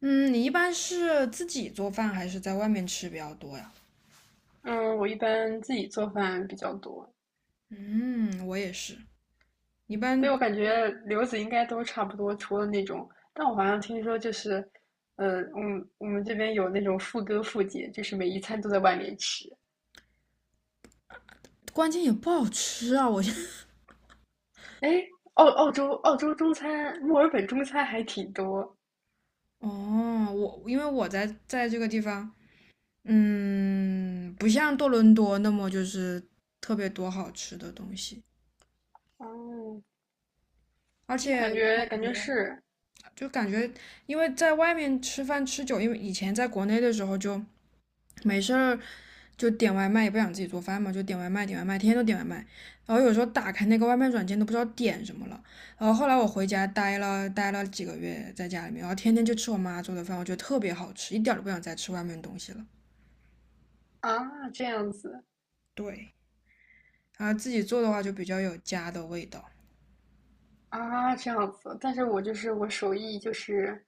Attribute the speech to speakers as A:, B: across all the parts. A: 嗯，你一般是自己做饭还是在外面吃比较多呀？
B: 嗯，我一般自己做饭比较多。
A: 嗯，我也是，一
B: 对，
A: 般，
B: 我感觉留子应该都差不多，除了那种，但我好像听说就是，我们这边有那种父哥父姐，就是每一餐都在外面吃。
A: 关键也不好吃啊！我现在
B: 哎，澳洲中餐，墨尔本中餐还挺多。
A: 哦，我因为我在这个地方，嗯，不像多伦多那么就是特别多好吃的东西，
B: 哦，
A: 而且
B: 感
A: 我
B: 觉感
A: 感
B: 觉
A: 觉
B: 是
A: 就感觉，因为在外面吃饭吃久，因为以前在国内的时候就没事儿就点外卖，也不想自己做饭嘛，就点外卖，点外卖，天天都点外卖。然后有时候打开那个外卖软件都不知道点什么了。然后后来我回家待了几个月，在家里面，然后天天就吃我妈做的饭，我觉得特别好吃，一点都不想再吃外面的东西了。
B: 啊，这样子。
A: 对，然后自己做的话就比较有家的味道。
B: 啊，这样子，但是我就是我手艺就是，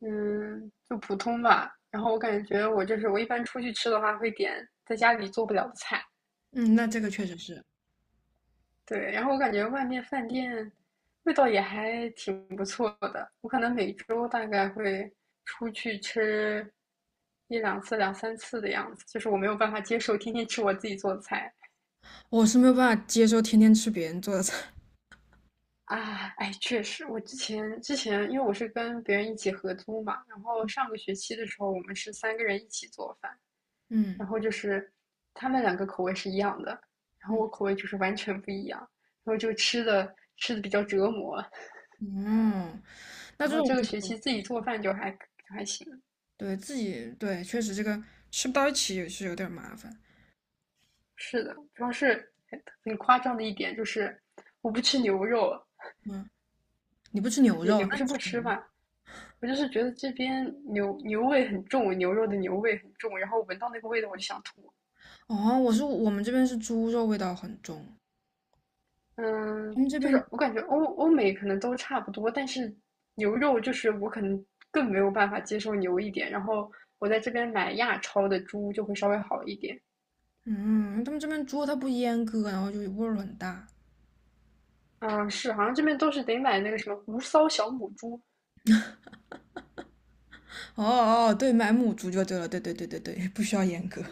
B: 嗯，就普通吧。然后我感觉我就是我一般出去吃的话会点在家里做不了的菜，
A: 嗯，那这个确实是，
B: 对。然后我感觉外面饭店味道也还挺不错的。我可能每周大概会出去吃一两次、两三次的样子，就是我没有办法接受天天吃我自己做的菜。
A: 我是没有办法接受天天吃别人做的菜。
B: 啊，哎，确实，我之前，因为我是跟别人一起合租嘛，然后上个学期的时候，我们是三个人一起做饭，
A: 嗯
B: 然后就是他们2个口味是一样的，然后
A: 嗯
B: 我口味就是完全不一样，然后就吃的比较折磨，
A: 嗯。那
B: 然
A: 这
B: 后
A: 种
B: 这个
A: 就
B: 学期自己做饭就还就还行，
A: 对，自己，对，确实这个吃不到一起也是有点儿麻烦。
B: 是的，主要是很夸张的一点就是我不吃牛肉，
A: 嗯，你不吃牛
B: 也
A: 肉？
B: 也不
A: 那
B: 是不吃吧，我就是觉得这边牛味很重，牛肉的牛味很重，然后闻到那个味道我就想吐。
A: 哦，我们这边是猪肉味道很重，
B: 嗯，
A: 他们这
B: 就
A: 边
B: 是我感觉欧美可能都差不多，但是牛肉就是我可能更没有办法接受牛一点，然后我在这边买亚超的猪就会稍微好一点。
A: 嗯，他们这边猪它不阉割，然后就味儿很大。
B: 嗯，是，好像这边都是得买那个什么无骚小母猪。
A: 哦哦，对，买母猪就对了，对对对对对，不需要阉割。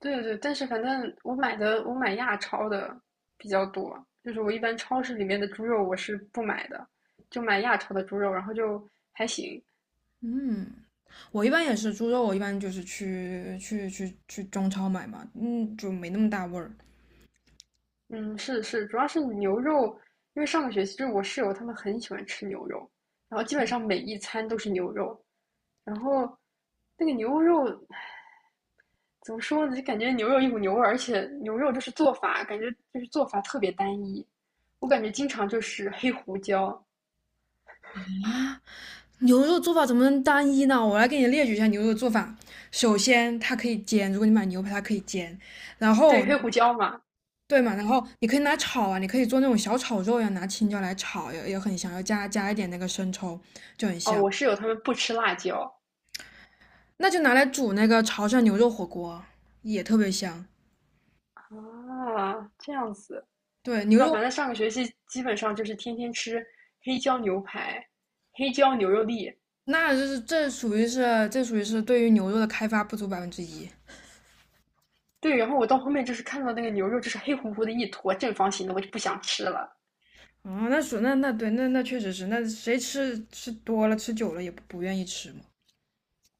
B: 对对对，但是反正我买亚超的比较多，就是我一般超市里面的猪肉我是不买的，就买亚超的猪肉，然后就还行。
A: 嗯，我一般也是猪肉，我一般就是去中超买嘛，嗯，就没那么大味儿。
B: 嗯，是是，主要是牛肉，因为上个学期就是我室友他们很喜欢吃牛肉，然后基本上每一餐都是牛肉，然后那个牛肉怎么说呢，就感觉牛肉一股牛味儿，而且牛肉就是做法，感觉就是做法特别单一，我感觉经常就是黑胡椒，
A: 啊牛肉做法怎么能单一呢？我来给你列举一下牛肉做法。首先，它可以煎，如果你买牛排，它可以煎。然
B: 对，
A: 后，
B: 黑胡椒嘛，
A: 对嘛，然后你可以拿炒啊，你可以做那种小炒肉呀，拿青椒来炒，也很香，要加一点那个生抽，就很
B: 哦，
A: 香。
B: 我室友他们不吃辣椒
A: 那就拿来煮那个潮汕牛肉火锅，也特别香。
B: 啊，这样子，
A: 对，
B: 不
A: 牛
B: 知道，
A: 肉，
B: 反正上个学期基本上就是天天吃黑椒牛排、黑椒牛肉粒。
A: 那就是这属于是对于牛肉的开发不足百分之一。
B: 对，然后我到后面就是看到那个牛肉就是黑乎乎的一坨正方形的，我就不想吃了。
A: 哦，那属那那对那那确实是，那谁吃多了吃久了也不愿意吃嘛。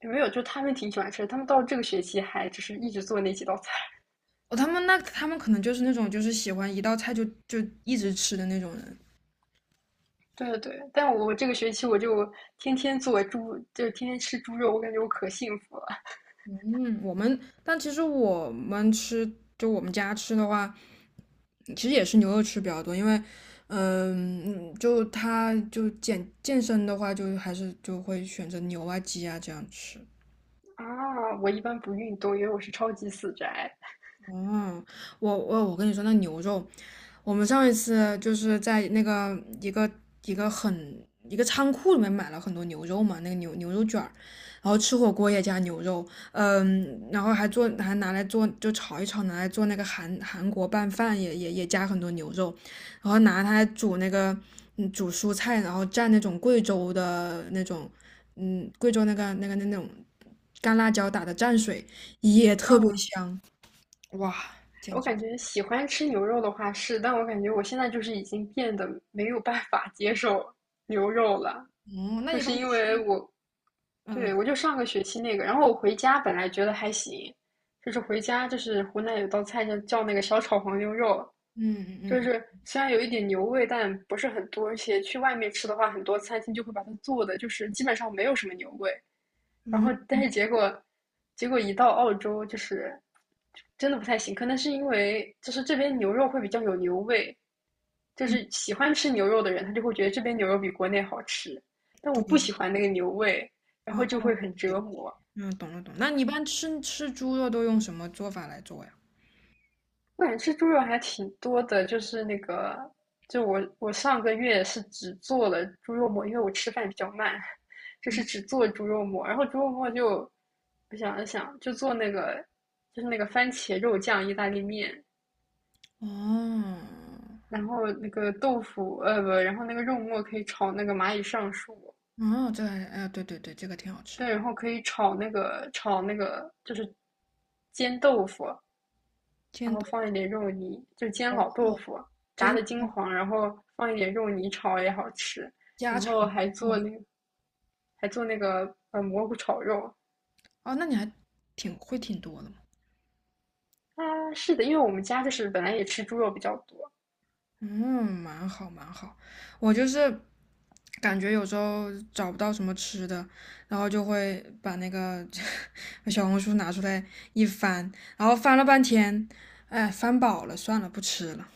B: 有没有，就他们挺喜欢吃的他们到这个学期还就是一直做那几道菜。
A: 哦，他们可能就是那种就是喜欢一道菜就一直吃的那种人。
B: 对对对，但我这个学期我就天天做猪，就是天天吃猪肉，我感觉我可幸福了
A: 嗯，我们，但其实我们吃，就我们家吃的话，其实也是牛肉吃比较多，因为嗯，就他就健身的话，就还是就会选择牛啊鸡啊这样吃。
B: 啊！我一般不运动，因为我是超级死宅。
A: 哦，我跟你说，那牛肉，我们上一次就是在那个一个很一个仓库里面买了很多牛肉嘛，那个牛肉卷儿，然后吃火锅也加牛肉，嗯，然后还拿来做就炒一炒，拿来做那个韩国拌饭也加很多牛肉，然后拿它来煮那个煮蔬菜，然后蘸那种贵州的那种嗯贵州那个那个那那种干辣椒打的蘸水也特别
B: 嗯，
A: 香。哇，简
B: 我
A: 直！
B: 感觉喜欢吃牛肉的话是，但我感觉我现在就是已经变得没有办法接受牛肉了，
A: 哦，那
B: 就
A: 一般
B: 是因
A: 吃，
B: 为我对，我
A: 嗯
B: 就上个学期那个，然后我回家本来觉得还行，就是回家就是湖南有道菜叫那个小炒黄牛肉，
A: 嗯
B: 就
A: 嗯
B: 是虽然有一点牛味，但不是很多，而且去外面吃的话，很多餐厅就会把它做的就是基本上没有什么牛味，然后
A: 嗯
B: 但是结果一到澳洲就是真的不太行，可能是因为就是这边牛肉会比较有牛味，就
A: 嗯，
B: 是喜欢吃牛肉的人他就会觉得这边牛肉比国内好吃，但我不
A: 对，
B: 喜欢那个牛味。然
A: 啊，
B: 后就会很折
A: 对，
B: 磨。
A: 嗯，懂了懂了。那你一般吃猪肉都用什么做法来做呀？
B: 我感觉吃猪肉还挺多的，就是那个，就我上个月是只做了猪肉末，因为我吃饭比较慢，就是只做猪肉末。然后猪肉末就，我想了想，就做那个，就是那个番茄肉酱意大利面，
A: 哦，
B: 然后那个豆腐，不，然后那个肉末可以炒那个蚂蚁上树，
A: 哦，这还，哎，对对对，这个挺好吃，
B: 对，然后可以炒那个就是煎豆腐，然
A: 煎
B: 后
A: 炖，
B: 放一点肉泥，就煎
A: 哦，
B: 老豆腐，
A: 就
B: 炸
A: 是
B: 的金
A: 那个
B: 黄，然后放一点肉泥炒也好吃。
A: 家
B: 然
A: 常。
B: 后
A: 哦，
B: 还做那个蘑菇炒肉
A: 哦，那你还挺多的。
B: 啊，是的，因为我们家就是本来也吃猪肉比较多，
A: 嗯，蛮好蛮好。我就是感觉有时候找不到什么吃的，然后就会把那个 把小红书拿出来一翻，然后翻了半天，哎，翻饱了，算了，不吃了。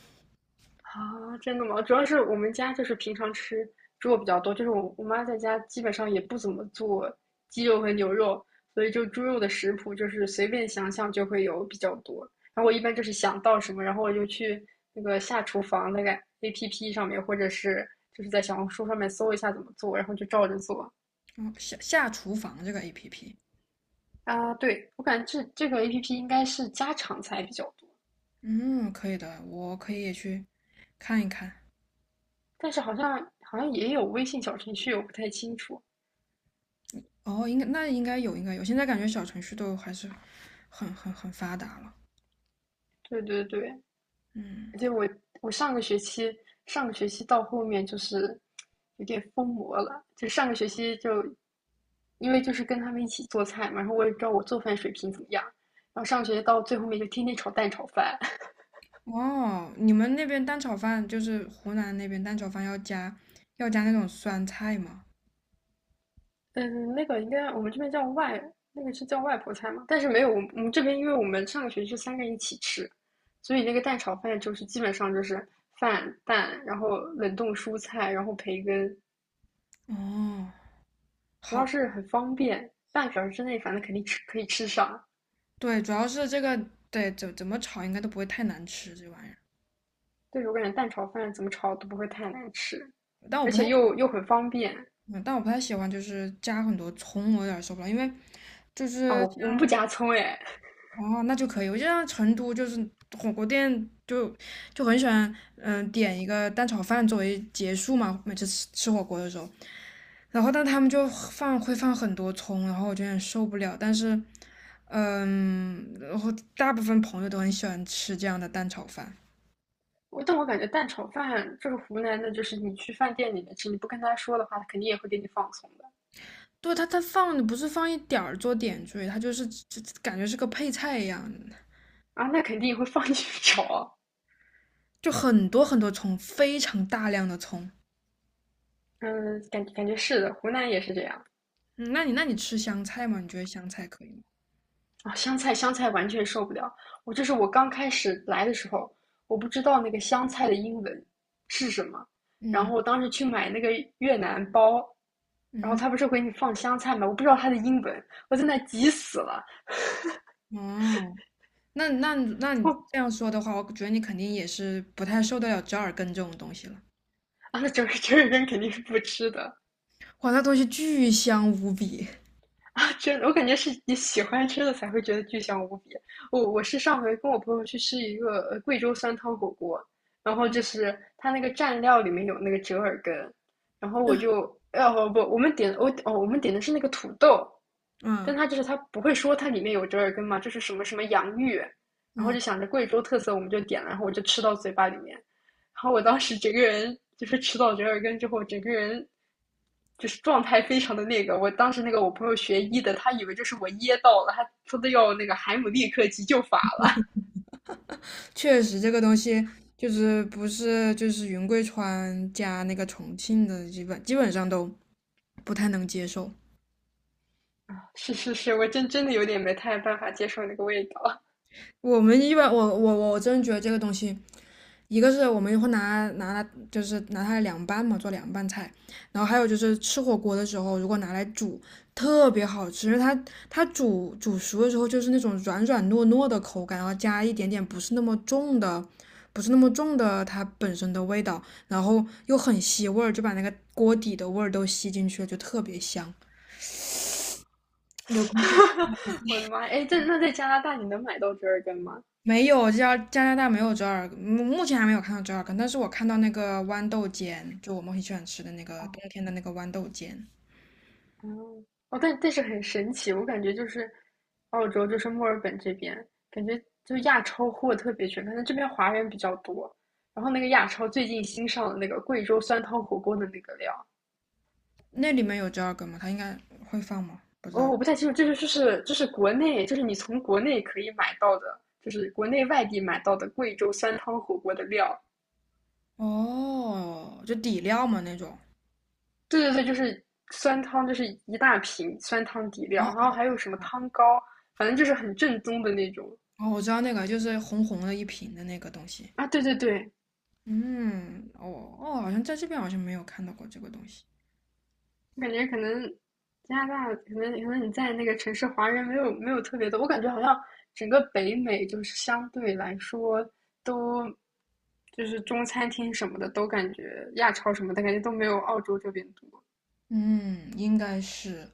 B: 啊，真的吗？主要是我们家就是平常吃猪肉比较多，就是我妈在家基本上也不怎么做鸡肉和牛肉，所以就猪肉的食谱就是随便想想就会有比较多。然后我一般就是想到什么，然后我就去那个下厨房那个 APP 上面，或者是就是在小红书上面搜一下怎么做，然后就照着做。
A: 哦，下厨房这个 APP,
B: 啊，对，我感觉这个 APP 应该是家常菜比较多，
A: 嗯，可以的，我可以也去看一看。
B: 但是好像也有微信小程序，我不太清楚。
A: 哦，应该有，应该有。现在感觉小程序都还是很发达了。
B: 对对对。
A: 嗯。
B: 而且我上个学期到后面就是有点疯魔了，就上个学期就因为就是跟他们一起做菜嘛，然后我也不知道我做饭水平怎么样，然后上个学期到最后面就天天炒蛋炒饭，
A: 哦，你们那边蛋炒饭就是湖南那边蛋炒饭要加那种酸菜吗？
B: 嗯，那个应该我们这边那个是叫外婆菜嘛，但是没有我们这边，因为我们上个学期是三个人一起吃，所以那个蛋炒饭就是基本上就是饭蛋，然后冷冻蔬菜，然后培根，
A: 哦，
B: 主
A: 好，
B: 要是很方便，半个小时之内反正肯定可以吃上。
A: 对，主要是这个，对，怎么炒应该都不会太难吃这玩意儿。
B: 对，我感觉蛋炒饭怎么炒都不会太难吃，
A: 但我
B: 而
A: 不太
B: 且
A: 喜
B: 又很方便
A: 但我不太喜欢就是加很多葱，我有点受不了，因为就
B: 啊！
A: 是
B: 我我
A: 像
B: 们不加葱哎，
A: 哦，那就可以。我就像成都就是火锅店就很喜欢，嗯、点一个蛋炒饭作为结束嘛，每次吃火锅的时候，然后但他们会放很多葱，然后我就有点受不了。但是，嗯，然后大部分朋友都很喜欢吃这样的蛋炒饭。
B: 但我感觉蛋炒饭这个湖南的，就是你去饭店里面吃，你不跟他说的话，他肯定也会给你放葱的
A: 对，它放的不是放一点儿做点缀，它就感觉是个配菜一样，
B: 啊，那肯定也会放 进去炒。
A: 就很多很多葱，非常大量的葱。
B: 嗯，感觉是的，湖南也是这样。
A: 嗯，那你吃香菜吗？你觉得香菜可以吗？
B: 啊，香菜香菜完全受不了。我就是我刚开始来的时候，我不知道那个香菜的英文是什么，然
A: 嗯。
B: 后我当时去买那个越南包，然后
A: 嗯，
B: 他不是给你放香菜吗？我不知道它的英文，我在那急死了。
A: 哦，那你
B: 后
A: 这样说的话，我觉得你肯定也是不太受得了折耳根这种东西了。
B: 啊，那整个人肯定是不吃的。
A: 哇，那东西巨香无比。
B: 真的，我感觉是你喜欢吃的才会觉得巨香无比。我是上回跟我朋友去吃一个贵州酸汤火锅，然后就是它那个蘸料里面有那个折耳根，然后
A: 对，
B: 我就不不，我们点我哦我们点的是那个土豆，但
A: 嗯
B: 它就是它不会说它里面有折耳根嘛，就是什么什么洋芋，然后
A: 嗯，
B: 就想着贵州特色我们就点了，然后我就吃到嘴巴里面，然后我当时整个人就是吃到折耳根之后，整个人就是状态非常的那个。我当时那个我朋友学医的，他以为就是我噎到了，他说的要那个海姆立克急救法了。
A: 确实这个东西就是不是就是云贵川加那个重庆的，基本上都不太能接受。
B: 是是是，我真的有点没太办法接受那个味道。
A: 我们一般，我真觉得这个东西，一个是我们会拿它，就是拿它来凉拌嘛，做凉拌菜。然后还有就是吃火锅的时候，如果拿来煮，特别好吃，因为它煮熟的时候就是那种软软糯糯的口感，然后加一点点不是那么重的，不是那么重的它本身的味道，然后又很吸味儿，就把那个锅底的味儿都吸进去了，就特别香。流口水，
B: 我的妈哎，那在加拿大你能买到折耳根吗？
A: 没有，加拿大没有折耳根，目前还没有看到折耳根，但是我看到那个豌豆尖，就我们很喜欢吃的那个
B: 哦，
A: 冬天的那个豌豆尖，
B: 嗯，哦，但是很神奇，我感觉就是澳洲，就是墨尔本这边，感觉就亚超货特别全，可能这边华人比较多。然后那个亚超最近新上的那个贵州酸汤火锅的那个料，
A: 那里面有折耳根吗？它应该会放吗？不知
B: 哦，
A: 道。
B: 我不太清楚，这是就是国内，就是你从国内可以买到的，就是国内外地买到的贵州酸汤火锅的料。
A: 哦，就底料嘛那种。
B: 对对对，就是酸汤，就是一大瓶酸汤底料，
A: 哦
B: 然后还有什么汤膏，反正就是很正宗的那种
A: 哦，我知道那个，就是红红的一瓶的那个东西。
B: 啊。对对对，
A: 嗯，哦哦，好像在这边好像没有看到过这个东西。
B: 我感觉可能加拿大，可能你在那个城市华人没有特别多，我感觉好像整个北美就是相对来说都就是中餐厅什么的都感觉亚超什么的感觉都没有澳洲这边多。
A: 嗯，应该是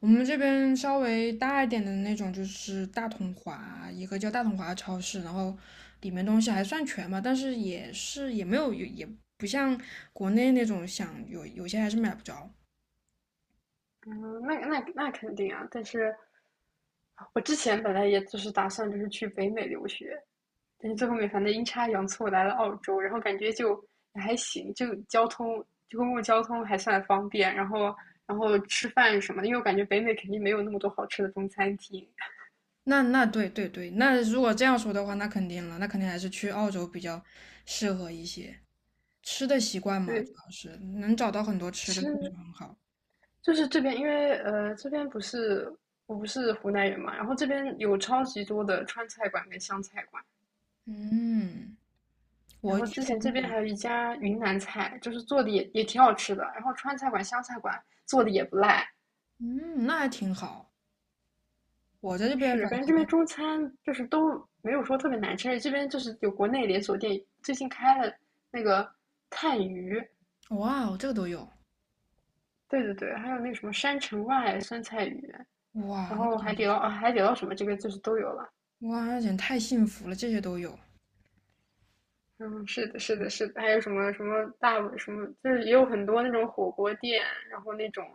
A: 我们这边稍微大一点的那种，就是大统华，一个叫大统华的超市，然后里面东西还算全吧，但是也是，也没有，也不像国内那种，想有些还是买不着。
B: 嗯，那肯定啊，但是我之前本来也就是打算就是去北美留学，但是最后面反正阴差阳错来了澳洲，然后感觉就还行，就交通就公共交通还算方便，然后吃饭什么的因为我感觉北美肯定没有那么多好吃的中餐厅。
A: 那对对对，那如果这样说的话，那肯定了，那肯定还是去澳洲比较适合一些。吃的习惯嘛，主
B: 对，
A: 要是能找到很多吃的，确实
B: 吃
A: 很好。
B: 就是这边，因为这边不是我不是湖南人嘛，然后这边有超级多的川菜馆跟湘菜馆。
A: 嗯，
B: 然
A: 我
B: 后
A: 之
B: 之
A: 前
B: 前这边
A: 也，
B: 还有一家云南菜，就是做的也挺好吃的。然后川菜馆、湘菜馆做的也不赖。
A: 嗯，那还挺好。我在这边。
B: 是，感觉这边中餐就是都没有说特别难吃，而且这边就是有国内连锁店，最近开了那个炭鱼，
A: 哇哦，这个都有，
B: 对对对，还有那个什么山城外酸菜鱼，
A: 哇，
B: 然
A: 那
B: 后
A: 简
B: 海
A: 直，
B: 底捞啊，海底捞什么这边就是都有了。
A: 哇，那简直太幸福了，这些都有，
B: 嗯，是的，是的，是的，还有什么什么大碗什么，就是也有很多那种火锅店，然后那种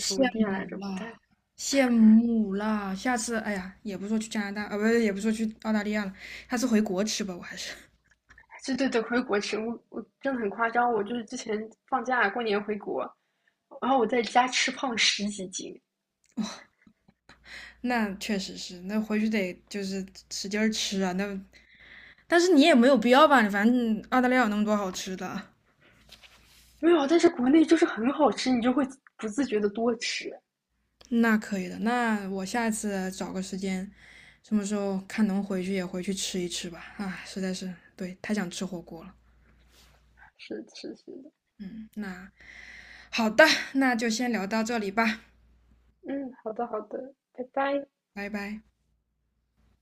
B: 什么店来着，
A: 慕
B: 不太，
A: 啦，羡慕啦，下次，哎呀，也不说去加拿大，啊，不是，也不说去澳大利亚了，下次回国吃吧，我还是，
B: 对对对，回国吃，我真的很夸张，我就是之前放假过年回国，然后我在家吃胖十几斤，
A: 那确实是，那回去得就是使劲儿吃啊，那，但是你也没有必要吧，反正澳大利亚有那么多好吃的，
B: 没有，但是国内就是很好吃，你就会不自觉的多吃。
A: 那可以的，那我下次找个时间，什么时候看能回去也回去吃一吃吧，啊，实在是，对，太想吃火锅了，
B: 是是是的，
A: 嗯，那。好的，那就先聊到这里吧，
B: 嗯，好的好的，拜拜。
A: 拜拜。